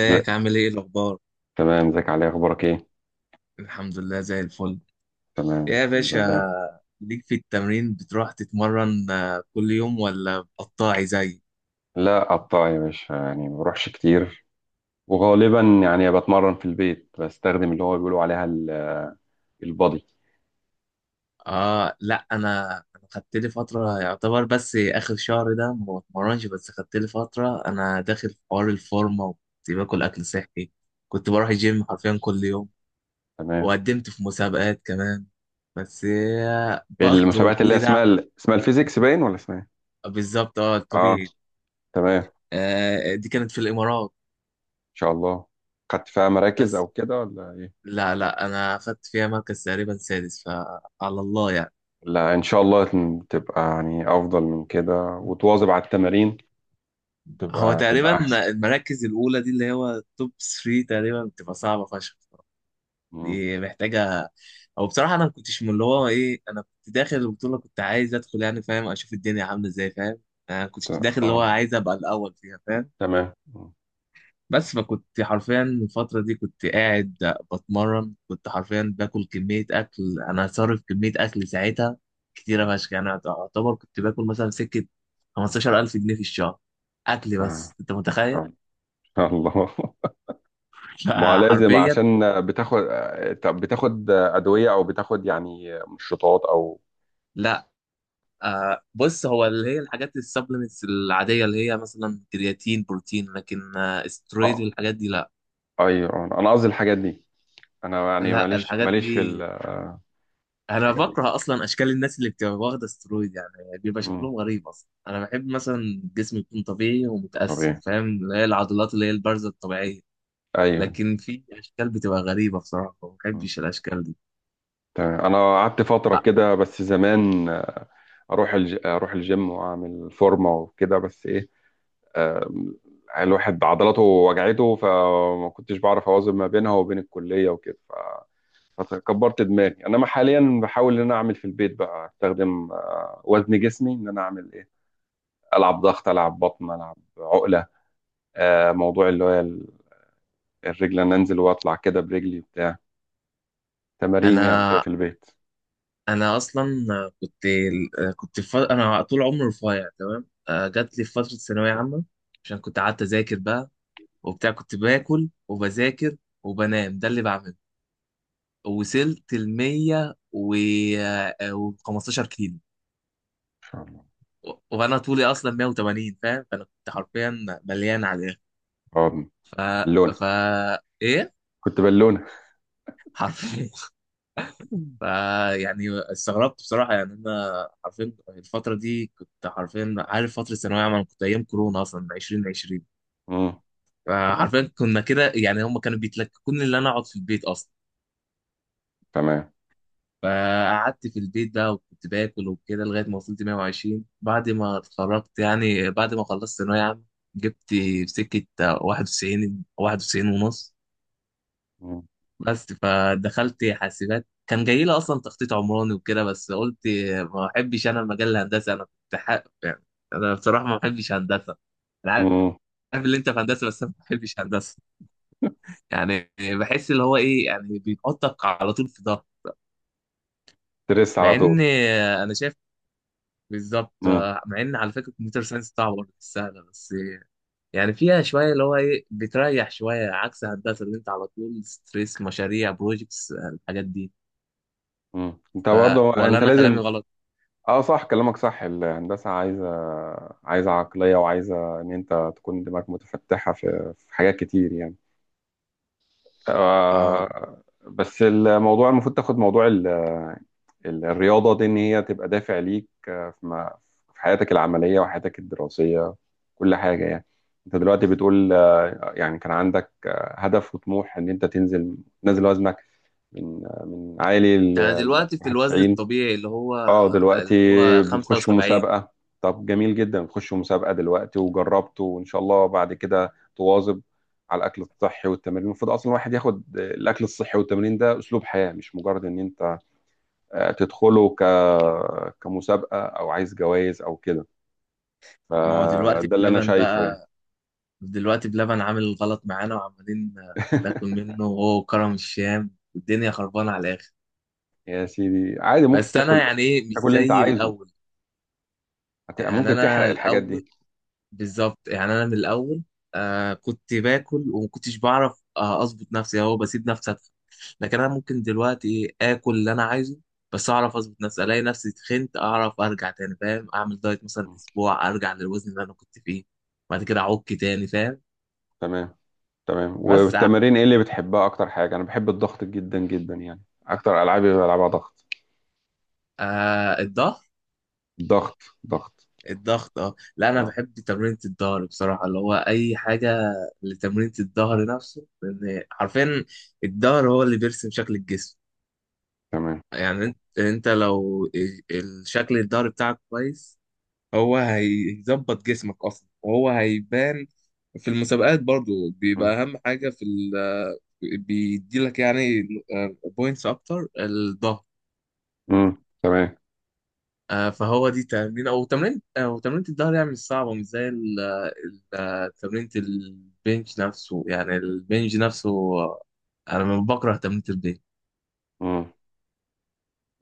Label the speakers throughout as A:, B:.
A: ازيك.
B: عامل ايه الاخبار؟
A: تمام، ازيك؟ علي اخبارك ايه؟
B: الحمد لله زي الفل
A: تمام،
B: يا
A: الحمد لله.
B: باشا. ليك في التمرين بتروح تتمرن، كل يوم ولا قطاعي زي.
A: لا، قطاع يا باشا، يعني ما بروحش كتير. وغالبا يعني بتمرن في البيت، بستخدم اللي هو بيقولوا عليها البادي.
B: اه لا، انا خدت لي فتره يعتبر، بس اخر شهر ده ما بتمرنش، بس خدت لي فتره انا داخل في حوار الفورمه، وكنت باكل اكل صحي. كنت بروح الجيم حرفيا كل يوم،
A: تمام.
B: وقدمت في مسابقات كمان، بس برضه
A: المسابقات اللي هي
B: كل
A: اسمها
B: ده.
A: اسمها الفيزيكس باين ولا اسمها ايه؟
B: بالظبط، اه
A: اه.
B: الطبيعي.
A: تمام، ان
B: آه دي كانت في الامارات.
A: شاء الله. خدت فيها مراكز او
B: بس
A: كده ولا ايه؟
B: لا لا، انا اخدت فيها مركز تقريبا سادس، فعلى الله يعني.
A: لا، ان شاء الله تبقى يعني افضل من كده وتواظب على التمارين.
B: هو
A: تبقى
B: تقريبا
A: تبقى احسن.
B: المراكز الاولى دي اللي هو توب 3 تقريبا بتبقى صعبه فشخ.
A: مم.
B: دي محتاجه. او بصراحه انا ما كنتش من اللي هو ايه، انا كنت داخل البطوله كنت عايز ادخل، يعني فاهم، اشوف الدنيا عامله ازاي، فاهم. انا
A: ت-
B: كنت داخل اللي
A: اه،
B: هو عايز ابقى الاول فيها، فاهم.
A: تمام. مم.
B: بس فكنت حرفيا الفترة دي كنت قاعد بتمرن، كنت حرفيا باكل كمية أكل. أنا صارف كمية أكل ساعتها كتيرة فشخ. يعني أعتبر كنت باكل مثلا سكة 15000 جنيه في الشهر أكل،
A: آه.
B: بس أنت متخيل؟
A: ان شاء الله. ما لازم،
B: فحرفيا
A: عشان بتاخد، طب بتاخد أدوية أو بتاخد يعني مشروطات أو؟
B: لا، بص، هو اللي هي الحاجات السبلمنتس العادية اللي هي مثلا كرياتين، بروتين، لكن استرويد
A: اه،
B: والحاجات دي لا.
A: أيوه، أنا قصدي الحاجات دي. أنا يعني
B: لا
A: ماليش
B: الحاجات
A: ماليش في
B: دي
A: الحاجات
B: انا
A: دي.
B: بكره اصلا اشكال الناس اللي بتبقى واخده استرويد، يعني بيبقى
A: مم.
B: شكلهم غريب اصلا. انا بحب مثلا جسمي يكون طبيعي ومتقسم،
A: طبيعي.
B: فاهم، اللي هي العضلات اللي هي البارزه الطبيعيه.
A: أيوه.
B: لكن في اشكال بتبقى غريبه بصراحه، ما
A: مم.
B: بحبش الاشكال دي.
A: تمام. أنا قعدت
B: ف-
A: فترة كده بس زمان، أروح الجيم وأعمل فورمة وكده، بس إيه؟ آم، الواحد عضلاته وجعته، فما كنتش بعرف أوازن ما بينها وبين الكلية وكده. فكبرت دماغي، انما حاليا بحاول ان انا اعمل في البيت بقى، استخدم وزن جسمي، ان انا اعمل ايه، العب ضغط، العب بطن، العب عقله، موضوع اللي هو الرجل، انا انزل واطلع كده برجلي بتاع، تمارين يعني كده
B: انا
A: في البيت.
B: انا اصلا كنت انا طول عمري رفيع تمام. جات لي في فتره ثانويه عامه، عشان كنت قعدت اذاكر بقى وبتاع، كنت باكل وبذاكر وبنام، ده اللي بعمله. وصلت ال 100 و 15 كيلو،
A: ان شاء الله.
B: وانا طولي اصلا 180، فاهم، فانا كنت حرفيا مليان على الاخر.
A: اه،
B: ف
A: بالونه.
B: ف ايه
A: كنت بالونه.
B: حرفيا. ف يعني استغربت بصراحه، يعني انا حرفيا الفتره دي كنت حرفيا، عارف، فتره ثانويه عامه، أنا كنت ايام كورونا اصلا 2020.
A: امم. تمام،
B: فحرفيا كنا كده، يعني هم كانوا بيتلككوني ان انا اقعد في البيت اصلا.
A: تمام.
B: فقعدت في البيت بقى وكنت باكل وكده لغايه ما وصلت 120. بعد ما اتخرجت، يعني بعد ما خلصت ثانويه عامه، جبت في سكه 91، 91 ونص. بس فدخلت حاسبات، كان جاي لي اصلا تخطيط عمراني وكده، بس قلت ما احبش انا المجال الهندسي، انا كنت حق يعني. انا بصراحه ما بحبش هندسه. انا عارف
A: امم
B: اللي انت في هندسه، بس انا ما بحبش هندسه يعني. بحس اللي هو ايه، يعني بينقطك على طول في ده.
A: ترس
B: مع
A: على طول.
B: ان انا شايف بالظبط.
A: امم.
B: مع ان على فكره الكمبيوتر ساينس صعبه برضه، مش سهله، بس يعني فيها شويه اللي هو ايه بتريح شويه عكس هندسه، اللي انت على طول ستريس، مشاريع، بروجكتس، الحاجات دي.
A: انت
B: ف
A: برضه،
B: ولا
A: انت
B: انا كلامي
A: لازم.
B: غلط؟
A: اه، صح. كلامك صح، الهندسة عايزة عقلية، وعايزة ان انت تكون دماغك متفتحة في حاجات كتير يعني.
B: اه والله.
A: آه، بس الموضوع المفروض تاخد موضوع الرياضة دي، ان هي تبقى دافع ليك، في في حياتك العملية وحياتك الدراسية، كل حاجة يعني. انت دلوقتي بتقول، يعني كان عندك هدف وطموح، ان انت تنزل نازل وزنك، من من عالي،
B: يعني
A: ل
B: دلوقتي في الوزن
A: 91.
B: الطبيعي اللي هو
A: اه دلوقتي
B: اللي هو
A: بتخشوا
B: 75.
A: مسابقة؟ طب، جميل جدا. بتخشوا مسابقة دلوقتي وجربتوا، وان شاء الله بعد كده تواظب على الاكل الصحي والتمرين. المفروض اصلا الواحد ياخد الاكل الصحي والتمرين ده اسلوب حياة، مش مجرد ان انت تدخله كمسابقة، او عايز جوائز او كده.
B: ما هو دلوقتي
A: فده اللي انا
B: بلبن
A: شايفه
B: بقى،
A: يعني.
B: دلوقتي بلبن عامل غلط معانا، وعمالين ناكل منه، وهو كرم الشام والدنيا خربانة على الآخر.
A: يا سيدي، عادي ممكن
B: بس أنا
A: تاكل،
B: يعني إيه، مش
A: تاكل اللي انت
B: زي
A: عايزه،
B: الأول. يعني
A: ممكن
B: أنا
A: تحرق الحاجات
B: الأول
A: دي.
B: بالظبط، يعني انا من الاول، آه كنت باكل وما كنتش بعرف اظبط نفسي، هو بسيب نفسي أدخل. لكن انا ممكن دلوقتي اكل اللي انا عايزه، بس اعرف اظبط نفسي. الاقي نفسي تخنت اعرف ارجع تاني، فاهم، اعمل دايت مثلا اسبوع ارجع للوزن اللي انا كنت فيه، بعد كده اعك تاني، فاهم.
A: تمام، تمام.
B: بس
A: والتمارين ايه اللي بتحبها؟ اكتر حاجه انا بحب الضغط جدا جدا يعني، اكتر العابي بلعبها ضغط،
B: الضغط،
A: ضغط، ضغط.
B: الضغط اه. لا انا
A: اه،
B: بحب تمرينة الظهر بصراحة، اللي هو اي حاجة لتمرينة الظهر نفسه، لان حرفيا الظهر هو اللي بيرسم شكل الجسم.
A: تمام.
B: يعني انت لو الشكل الظهري بتاعك كويس، هو هيظبط جسمك اصلا وهو هيبان. في المسابقات برضو
A: مم.
B: بيبقى اهم حاجة في ال... بيدي لك يعني بوينتس اكتر، الظهر.
A: مم. تمام.
B: فهو دي تمرين الظهر، يعني مش صعبة، مش زي ال... ال... تمرين البنج نفسه، يعني البنج نفسه آه، انا بكره تمرين البنج
A: مم.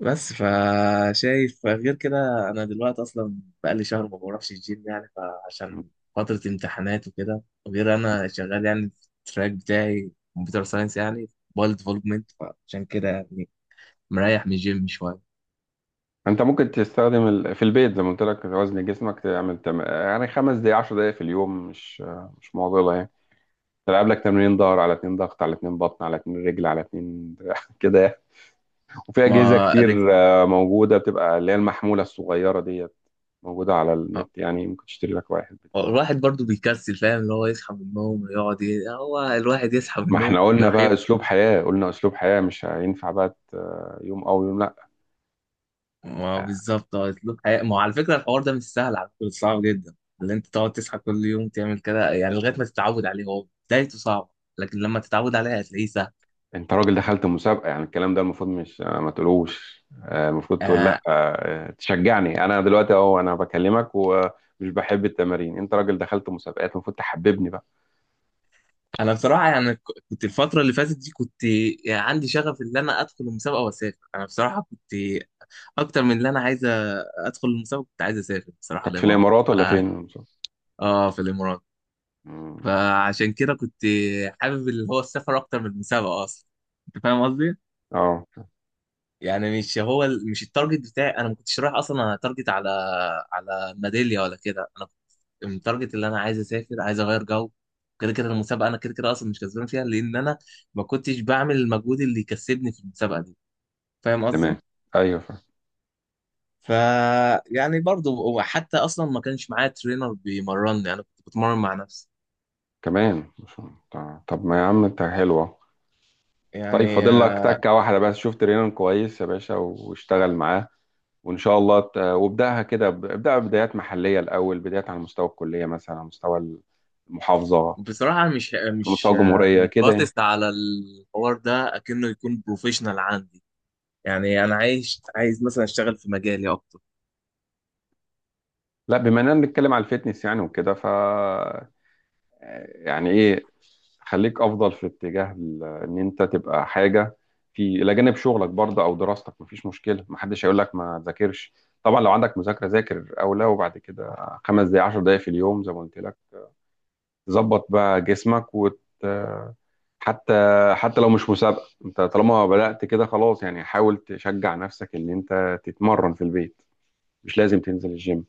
B: بس. فشايف غير كده. انا دلوقتي اصلا بقالي شهر ما بروحش الجيم يعني،
A: مم.
B: فعشان فترة امتحانات وكده، وغير انا شغال يعني في التراك بتاعي كمبيوتر ساينس، يعني موبايل ديفلوبمنت، فعشان كده يعني مريح من الجيم شوية.
A: انت ممكن تستخدم في البيت زي ما قلت لك، وزن جسمك تعمل يعني 5 دقايق، 10 دقايق في اليوم، مش معضله يعني. تلعب لك تمرين ظهر على اتنين، ضغط على اتنين، بطن على اتنين، رجل على اتنين، كده يعني. وفي اجهزه
B: ما
A: كتير
B: رج...
A: موجوده، بتبقى اللي هي المحموله الصغيره ديت، موجوده على
B: آه،
A: النت، يعني ممكن تشتري لك واحد بتاع.
B: الواحد برضو بيكسل، فاهم، اللي هو يصحى من النوم ويقعد هو الواحد يصحى من
A: ما
B: النوم
A: احنا قلنا
B: يروح.
A: بقى اسلوب حياة، قلنا اسلوب حياة، مش هينفع بقى يوم او يوم لا.
B: ما هو بالظبط هو اسلوب حياه. ما هو على فكره الحوار ده مش سهل على فكره، صعب جدا. اللي انت تقعد تصحى كل يوم تعمل كده، يعني لغايه ما تتعود عليه هو بدايته صعبه، لكن لما تتعود عليه هتلاقيه سهل.
A: انت راجل دخلت مسابقة، يعني الكلام ده المفروض، مش ما تقولوش، المفروض تقول، لا،
B: آه
A: تشجعني انا دلوقتي اهو، انا بكلمك ومش بحب التمارين. انت راجل دخلت مسابقات، المفروض تحببني بقى.
B: انا بصراحه يعني كنت الفتره اللي فاتت دي كنت، يعني عندي شغف ان انا ادخل المسابقه واسافر. انا بصراحه كنت اكتر من اللي انا عايز ادخل المسابقه، كنت عايز اسافر بصراحه
A: كانت في
B: الامارات
A: الامارات ولا فين المسابقة؟
B: اه في الامارات.
A: مم.
B: فعشان كده كنت حابب اللي هو السفر اكتر من المسابقه اصلا، انت فاهم قصدي؟
A: اه،
B: يعني مش هو ال- مش التارجت بتاعي، انا ما كنتش رايح اصلا اتارجت على على ميداليه ولا كده. انا كنت التارجت اللي انا عايز اسافر، عايز اغير جو. كده كده المسابقه انا كده كده اصلا مش كسبان فيها، لان انا ما كنتش بعمل المجهود اللي يكسبني في المسابقه دي، فاهم
A: تمام.
B: قصدي.
A: ايوه، فاهم.
B: ف يعني برضه، وحتى اصلا ما كانش معايا ترينر بيمرني، انا كنت بتمرن مع نفسي
A: كمان طب، طب ما يا عم انت حلوة. طيب،
B: يعني.
A: فاضل لك تكة واحدة بس. شفت رينان كويس يا باشا واشتغل معاه، وان شاء الله وابداها كده، ابداها بدايات محليه الاول، بدايات على مستوى الكليه مثلا، على مستوى المحافظه،
B: بصراحه
A: على مستوى الجمهوريه
B: مش
A: كده يعني.
B: باصص على الحوار ده اكنه يكون بروفيشنال عندي يعني. انا عايز مثلا اشتغل في مجالي اكتر.
A: لا، بما اننا بنتكلم على الفتنس يعني وكده، يعني ايه، خليك افضل في اتجاه ان انت تبقى حاجه في الى جانب شغلك برضه او دراستك. مفيش مشكله، محدش هيقول لك ما تذاكرش. طبعا لو عندك مذاكره ذاكر او لا، وبعد كده 5 دقائق، 10 دقائق في اليوم زي ما قلت لك، تظبط بقى جسمك حتى، لو مش مسابقة، انت طالما بدأت كده خلاص يعني، حاول تشجع نفسك ان انت تتمرن في البيت. مش لازم تنزل الجيم،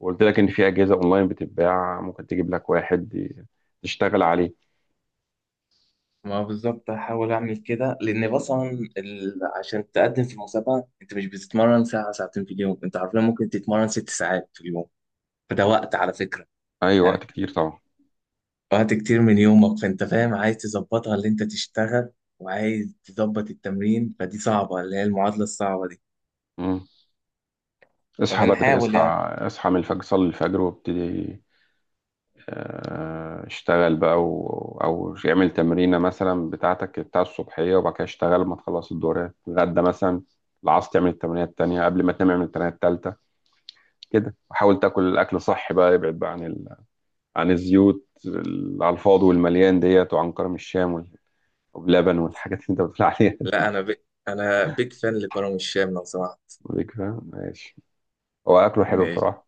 A: وقلت لك ان في أجهزة اونلاين بتتباع، ممكن تجيب لك واحد تشتغل عليه.
B: ما بالظبط هحاول اعمل كده، لان مثلا ال... عشان تقدم في المسابقه انت مش بتتمرن ساعه ساعتين في اليوم، انت عارفين ممكن تتمرن 6 ساعات في اليوم. فده وقت على فكره
A: اي، وقت
B: يعني،
A: كتير طبعا.
B: وقت كتير من يومك. فانت فاهم عايز تظبطها اللي انت تشتغل، وعايز تظبط التمرين، فدي صعبه، اللي هي المعادله الصعبه دي.
A: مم. اصحى بدري،
B: فبنحاول
A: اصحى،
B: يعني.
A: اصحى من الفجر، صلي الفجر وابتدي، اشتغل بقى او يعمل تمرينه مثلا بتاعتك بتاع الصبحيه، وبعد كده اشتغل لما تخلص. الدورات غدا مثلا العصر تعمل التمرينه التانيه، قبل ما تنام اعمل التمرينه التالته كده. وحاول تاكل الاكل صحي بقى، ابعد بقى عن عن الزيوت على الفاضي والمليان ديت، وعن كرم الشام واللبن، والحاجات اللي انت بتقول عليها دي.
B: لا انا انا بيج فان لكرم الشام لو سمحت.
A: ليك، فاهم، ماشي. هو اكله حلو
B: ماشي،
A: بصراحه،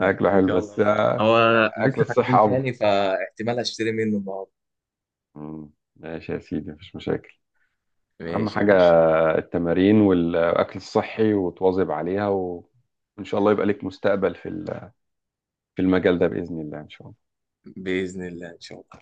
A: اكله
B: ان
A: حلو
B: شاء
A: بس
B: الله. بس هو
A: اكل
B: لسه فاتحين
A: الصحه افضل.
B: تاني، فاحتمال اشتري منه النهارده.
A: مم. ماشي يا سيدي، مفيش مشاكل. اهم
B: ماشي يا
A: حاجه
B: باشا،
A: التمارين والأكل الصحي، وتواظب عليها، وإن شاء الله يبقى لك مستقبل في المجال ده، بإذن الله، إن شاء الله.
B: باذن الله ان شاء الله.